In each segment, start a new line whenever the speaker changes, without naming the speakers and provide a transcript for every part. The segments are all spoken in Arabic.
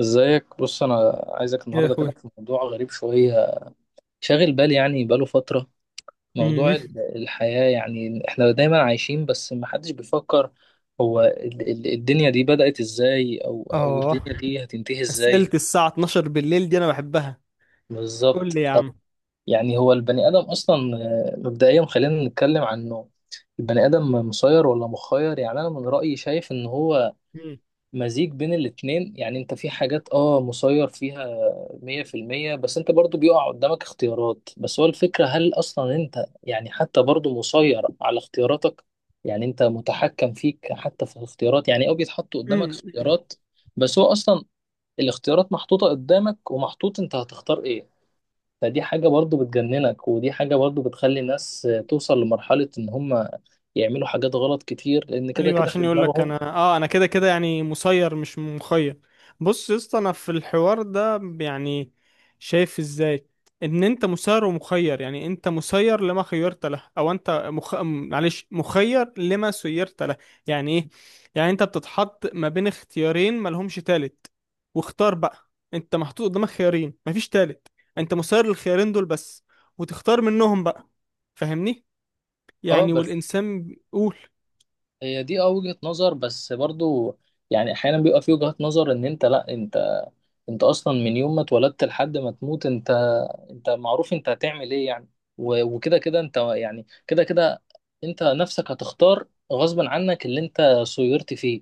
ازيك؟ بص، انا عايزك
يا
النهارده كده
اخوي،
في موضوع غريب شويه، شاغل بالي يعني بقاله فتره. موضوع
امم
الحياه، يعني احنا دايما عايشين بس ما حدش بيفكر هو الدنيا دي بدأت ازاي، او
اه
الدنيا دي هتنتهي ازاي.
اسئله الساعه 12 بالليل دي انا بحبها. قول
بالظبط.
لي يا
طب
عم.
يعني هو البني ادم اصلا مبدئيا خلينا نتكلم عنه. البني ادم مسير ولا مخير؟ يعني انا من رأيي شايف ان هو مزيج بين الاتنين. يعني انت في حاجات اه مسير فيها مية في المية، بس انت برضو بيقع قدامك اختيارات. بس هو الفكرة هل اصلا انت يعني حتى برضو مسير على اختياراتك؟ يعني انت متحكم فيك حتى في الاختيارات، يعني او بيتحط قدامك
امم
اختيارات بس هو اصلا الاختيارات محطوطة قدامك ومحطوط انت هتختار ايه. فدي حاجة برضو بتجننك، ودي حاجة برضو بتخلي الناس توصل لمرحلة ان هم يعملوا حاجات غلط كتير لان كده
ايوه،
كده في
عشان يقول لك انا
دماغهم.
انا كده كده يعني مسير مش مخير. بص يا اسطى، انا في الحوار ده يعني شايف ازاي ان انت مسير ومخير. يعني انت مسير لما خيرت له، او انت معلش مخير لما سيرت له. يعني ايه؟ يعني انت بتتحط ما بين اختيارين ملهمش تالت، واختار بقى. انت محطوط قدامك خيارين، مفيش تالت. انت مسير للخيارين دول بس، وتختار منهم بقى. فاهمني؟
اه،
يعني
بس
والانسان قول.
هي دي اه وجهة نظر. بس برضو يعني احيانا بيبقى في وجهات نظر ان انت لا، انت انت اصلا من يوم ما اتولدت لحد ما تموت انت انت معروف انت هتعمل ايه، يعني وكده كده انت يعني كده كده انت نفسك هتختار غصبا عنك اللي انت صيرت فيه.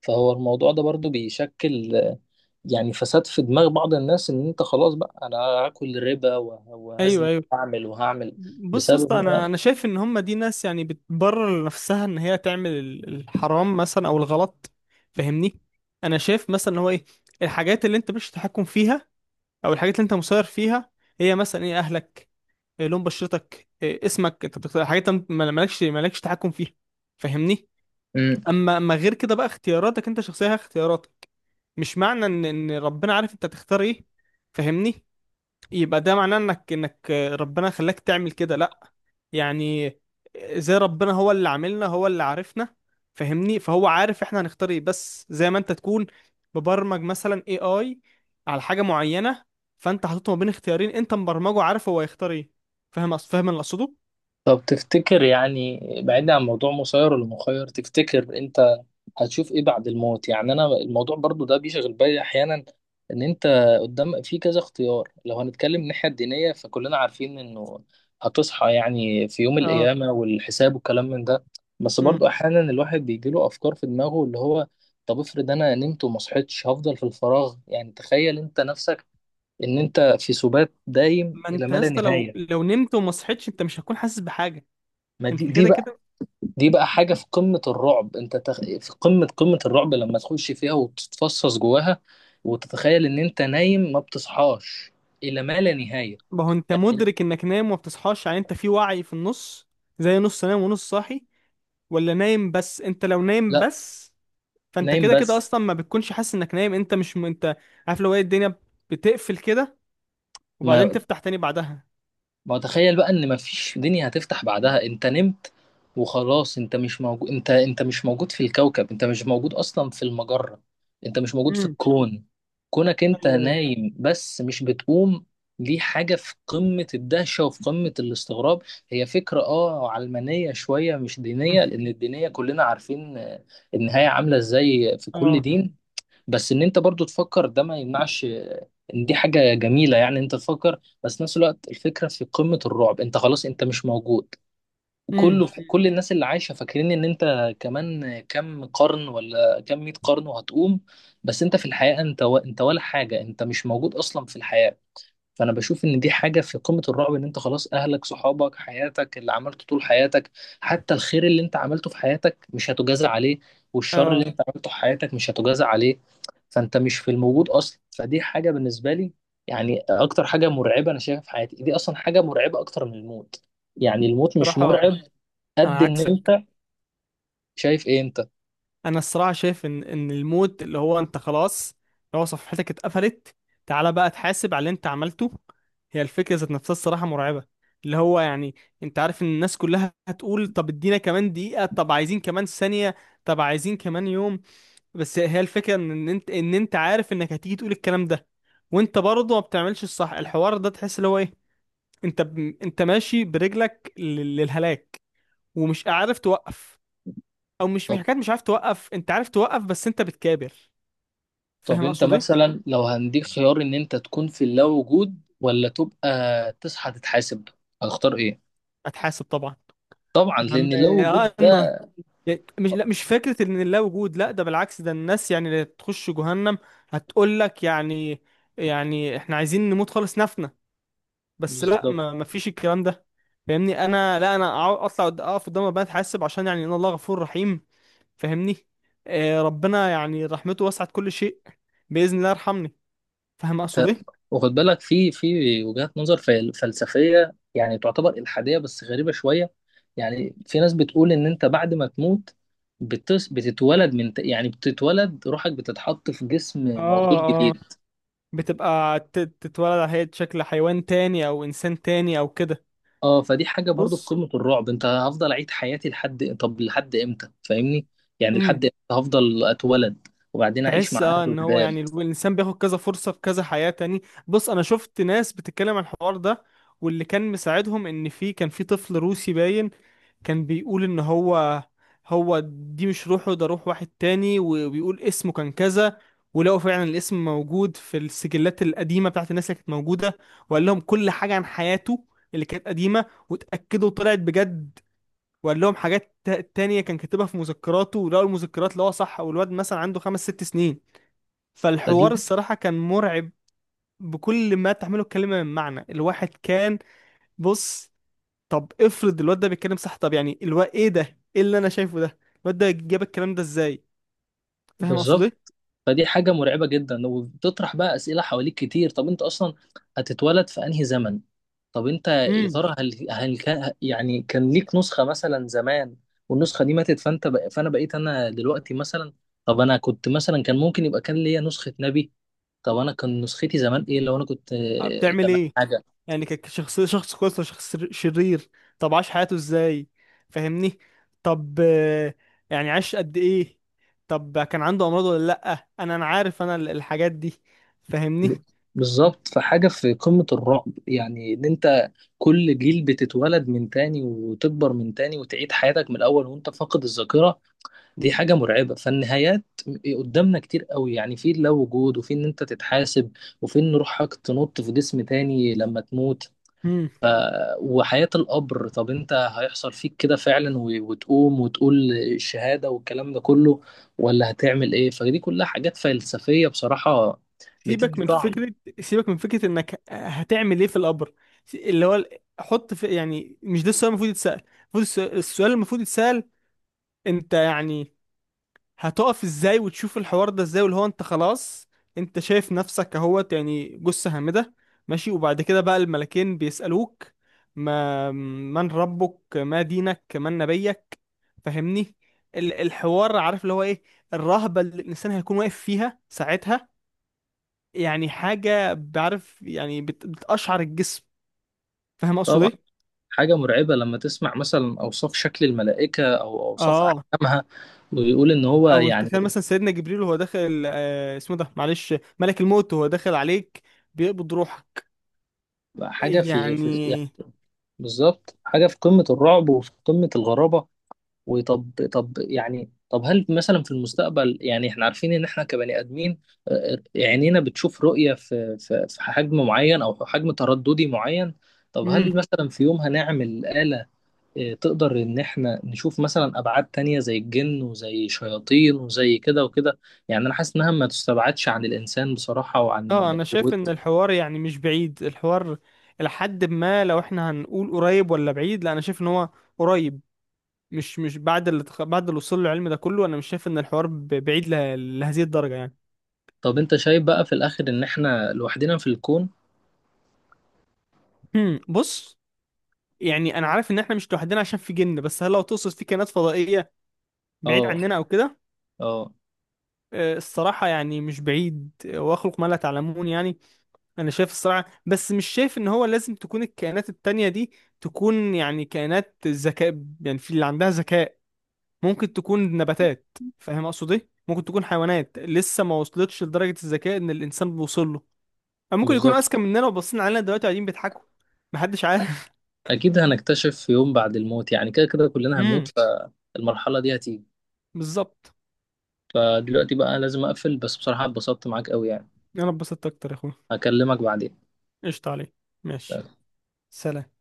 فهو الموضوع ده برضو بيشكل يعني فساد في دماغ بعض الناس ان انت خلاص بقى انا هاكل ربا
ايوه،
وهزني
ايوه.
وهعمل وهعمل
بص يا
بسبب
اسطى، انا
إن
انا شايف ان هم دي ناس يعني بتبرر لنفسها ان هي تعمل الحرام مثلا او الغلط. فاهمني؟ انا شايف مثلا ان هو ايه؟ الحاجات اللي انت مش تحكم فيها، او الحاجات اللي انت مسير فيها، هي مثلا ايه؟ اهلك، إيه لون بشرتك، إيه اسمك. انت بتختار حاجات انت مالكش تحكم فيها. فاهمني؟
أنا.
اما غير كده بقى اختياراتك، انت شخصيه هي اختياراتك. مش معنى ان ربنا عارف انت هتختار ايه. فاهمني؟ يبقى ده معناه انك ربنا خلاك تعمل كده. لا يعني، زي ربنا هو اللي عاملنا، هو اللي عارفنا. فاهمني؟ فهو عارف احنا هنختار ايه، بس زي ما انت تكون مبرمج مثلا اي على حاجه معينه. فانت حاططه ما بين اختيارين، انت مبرمجه عارف هو هيختار ايه. فاهم اللي اقصده؟
طب تفتكر يعني، بعيدا عن موضوع مسير ولا مخير، تفتكر انت هتشوف ايه بعد الموت؟ يعني انا الموضوع برضو ده بيشغل بالي احيانا. ان انت قدام في كذا اختيار، لو هنتكلم من الناحية الدينية فكلنا عارفين انه هتصحى يعني في يوم
اه.
القيامة والحساب والكلام من ده. بس
امم
برضو احيانا الواحد بيجيله افكار في دماغه اللي هو طب افرض انا نمت وما صحيتش، هفضل في الفراغ. يعني تخيل انت نفسك ان انت في سبات دايم
ما
الى
انت
ما
يا
لا
اسطى، لو
نهاية.
لو نمت وما صحيتش، انت مش هتكون حاسس بحاجه.
ما دي
انت
دي
كده كده.
دي بقى حاجة في قمة الرعب، انت في قمة قمة الرعب لما تخش فيها وتتفصص جواها وتتخيل ان انت نايم ما بتصحاش الى ما لا نهاية.
ما هو انت
يعني
مدرك انك نايم وما بتصحاش، يعني انت في وعي في النص، زي نص نايم ونص صاحي، ولا نايم بس. انت لو نايم
لا،
بس، فانت
نايم
كده كده
بس.
اصلا ما بتكونش حاسس انك نايم. انت مش م... انت عارف لو ايه الدنيا بتقفل كده، وبعدين
ما
تفتح تاني بعدها.
ما هو تخيل بقى ان مفيش دنيا هتفتح بعدها، انت نمت وخلاص. انت مش موجود، انت انت مش موجود في الكوكب، انت مش موجود اصلا في المجرة، انت مش موجود في
امم
الكون. كونك انت
ايوه، ايوه.
نايم بس مش بتقوم، دي حاجة في قمة الدهشة وفي قمة الاستغراب. هي فكرة اه علمانية شوية مش
مم.
دينية، لأن الدينية كلنا عارفين النهاية عاملة ازاي في كل
اه.
دين. بس ان انت برضو تفكر ده ما يمنعش ان دي حاجة جميلة، يعني انت تفكر. بس نفس الوقت الفكرة في قمة الرعب، انت خلاص انت مش موجود. كله
امم
كل الناس اللي عايشة فاكرين ان انت كمان كام قرن ولا كام مية قرن وهتقوم، بس انت في الحقيقة انت ولا حاجة، انت مش موجود اصلا في الحياة. فانا بشوف ان دي حاجه في قمه الرعب، ان انت خلاص اهلك صحابك حياتك اللي عملته طول حياتك، حتى الخير اللي انت عملته في حياتك مش هتجازى عليه، والشر اللي
اه.
انت عملته في حياتك مش هتجازى عليه، فانت مش في الموجود اصلا. فدي حاجه بالنسبه لي يعني اكتر حاجه مرعبه انا شايفها في حياتي، دي اصلا حاجه مرعبه اكتر من الموت. يعني الموت مش
صراحه
مرعب قد
انا
ان
عكسك.
انت. شايف ايه انت؟
انا الصراحه شايف ان الموت اللي هو انت خلاص، اللي هو صفحتك اتقفلت. تعالى بقى تحاسب على اللي انت عملته. هي الفكره ذات نفسها الصراحه مرعبه. اللي هو يعني، انت عارف ان الناس كلها هتقول طب ادينا كمان دقيقه، طب عايزين كمان ثانيه، طب عايزين كمان يوم. بس هي الفكرة ان انت عارف انك هتيجي تقول الكلام ده، وانت برضه ما بتعملش الصح. الحوار ده تحس اللي هو ايه، انت ماشي برجلك للهلاك، ومش عارف توقف. او مش
طب
حكايه مش عارف توقف، انت عارف توقف بس انت بتكابر.
طب
فاهم
انت
اقصد ايه؟
مثلا لو هنديك خيار ان انت تكون في اللا وجود ولا تبقى تصحى تتحاسب، هتختار ايه؟
اتحاسب طبعا.
طبعا،
يا عم،
لان لو وجود
اه إن...
ده.
مش، لا، مش فكرة ان لا وجود. لا، ده بالعكس. ده الناس يعني اللي تخش جهنم هتقول لك يعني، يعني احنا عايزين نموت خالص، نفنا. بس لا،
بالظبط.
ما فيش الكلام ده. فاهمني؟ انا لا، انا اطلع اقف قدام ربنا اتحاسب، عشان يعني ان الله غفور رحيم. فاهمني؟ ربنا يعني رحمته وسعت كل شيء، باذن الله يرحمني. فاهم اقصد
ت-
ايه؟
واخد بالك في في وجهات نظر فلسفيه يعني تعتبر الحاديه بس غريبه شويه. يعني في ناس بتقول ان انت بعد ما تموت بتتولد من يعني بتتولد روحك بتتحط في جسم
اه،
مولود
اه.
جديد.
بتبقى تتولد على هيئة شكل حيوان تاني، او انسان تاني، او كده.
اه، فدي حاجه برضو في
بص.
قمه الرعب، انت هفضل اعيد حياتي لحد طب لحد امتى؟ فاهمني يعني
امم
لحد امتى هفضل اتولد وبعدين اعيش
تحس
مع اهله
ان هو يعني
جداد؟
الانسان بياخد كذا فرصة في كذا حياة تاني. بص، انا شفت ناس بتتكلم عن الحوار ده، واللي كان مساعدهم ان كان في طفل روسي باين، كان بيقول ان هو هو دي مش روحه، ده روح واحد تاني. وبيقول اسمه كان كذا، ولقوا فعلا الاسم موجود في السجلات القديمة بتاعت الناس اللي كانت موجودة. وقال لهم كل حاجة عن حياته اللي كانت قديمة، واتأكدوا طلعت بجد. وقال لهم حاجات تانية كان كاتبها في مذكراته، ولقوا المذكرات اللي هو صح، والواد مثلا عنده خمس ست سنين.
فدي
فالحوار الصراحة كان مرعب، بكل ما تحمله الكلمة من معنى. الواحد كان. بص، طب افرض الواد ده بيتكلم صح. طب يعني الو ايه ده؟ ايه اللي انا شايفه ده؟ الواد ده جاب الكلام ده ازاي؟ فاهم اقصد
بالظبط
ايه؟
فدي حاجة مرعبة جدا، وبتطرح بقى أسئلة حواليك كتير. طب أنت أصلا هتتولد في أنهي زمن؟ طب أنت يا
امم
ترى هل كان يعني كان ليك نسخة مثلا زمان والنسخة دي ماتت، فأنا بقيت أنا دلوقتي مثلا؟ طب أنا كنت مثلا كان ممكن يبقى كان ليا نسخة نبي. طب أنا كان نسختي زمان إيه، لو أنا كنت
بتعمل
زمان
ايه؟
حاجة.
يعني ك- كشخص شخص كويس ولا شخص شرير؟ طب عاش حياته ازاي؟ فاهمني. طب، يعني عاش قد ايه؟ طب كان عنده امراض ولا لا؟ انا عارف انا الحاجات دي. فاهمني؟
بالظبط، فحاجة في قمة الرعب، يعني إن أنت كل جيل بتتولد من تاني وتكبر من تاني وتعيد حياتك من الأول وأنت فاقد الذاكرة، دي حاجة مرعبة. فالنهايات قدامنا كتير قوي، يعني في اللا وجود، وفي ان انت تتحاسب، وفي ان روحك تنط في جسم تاني لما تموت، وحياة القبر. طب انت هيحصل فيك كده فعلا وتقوم وتقول الشهادة والكلام ده كله، ولا هتعمل ايه؟ فدي كلها حاجات فلسفية بصراحة،
سيبك
بتدي
من
طعم.
فكرة سيبك من فكرة انك هتعمل ايه في القبر، اللي هو حط في، يعني مش ده السؤال المفروض يتسأل. السؤال المفروض يتسأل، انت يعني هتقف ازاي وتشوف الحوار ده ازاي؟ واللي هو انت خلاص، انت شايف نفسك اهوت يعني جثة هامدة، ماشي. وبعد كده بقى الملكين بيسألوك ما من ربك، ما دينك، من نبيك. فاهمني؟ الحوار عارف اللي هو ايه؟ الرهبة اللي الانسان هيكون واقف فيها ساعتها، يعني حاجة بعرف يعني بتقشعر الجسم. فاهم اقصد
طبعا.
ايه؟
حاجة مرعبة لما تسمع مثلا أوصاف شكل الملائكة أو أوصاف
اه.
أحكامها، ويقول إن هو
او
يعني
تخيل مثلا سيدنا جبريل وهو داخل، اسمه ده معلش، ملك الموت وهو داخل عليك بيقبض روحك.
حاجة في في يعني
يعني.
بالظبط حاجه في قمه الرعب وفي قمه الغرابه. وطب طب يعني طب هل مثلا في المستقبل، يعني احنا عارفين ان احنا كبني ادمين عينينا بتشوف رؤيه في في في حجم معين او حجم ترددي معين. طب
امم
هل مثلا في يوم هنعمل آلة تقدر ان احنا نشوف مثلا ابعاد تانية زي الجن وزي شياطين وزي كده وكده؟ يعني انا حاسس انها ما تستبعدش عن الانسان بصراحة وعن
اه. انا شايف ان
قوته.
الحوار يعني مش بعيد. الحوار لحد ما، لو احنا هنقول قريب ولا بعيد، لا انا شايف ان هو قريب. مش بعد بعد اللي وصل له العلم ده كله، انا مش شايف ان الحوار بعيد لهذه الدرجة يعني.
طب انت شايف بقى في الاخر ان احنا لوحدنا في الكون؟
بص، يعني انا عارف ان احنا مش لوحدنا عشان في جن، بس هل لو تقصد في كائنات فضائيه بعيد
اه،
عننا او كده؟
اه.
الصراحه يعني مش بعيد. واخلق ما لا تعلمون. يعني، انا شايف الصراحه، بس مش شايف ان هو لازم تكون الكائنات التانية دي يعني كائنات ذكاء. يعني في اللي عندها ذكاء، ممكن تكون نباتات. فاهم اقصد ايه؟ ممكن تكون حيوانات لسه ما وصلتش لدرجه الذكاء ان الانسان بيوصل له، أو ممكن يكونوا
بالظبط.
اذكى مننا وباصين علينا دلوقتي قاعدين بيضحكوا. محدش عارف.
اكيد هنكتشف في يوم، بعد الموت، يعني كده كده كلنا
امم
هنموت فالمرحله دي هتيجي.
بالظبط.
فدلوقتي بقى لازم اقفل، بس بصراحه اتبسطت معاك قوي يعني.
انا اتبسطت اكتر يا اخويا.
هكلمك بعدين.
قشطة عليك. ماشي. سلام.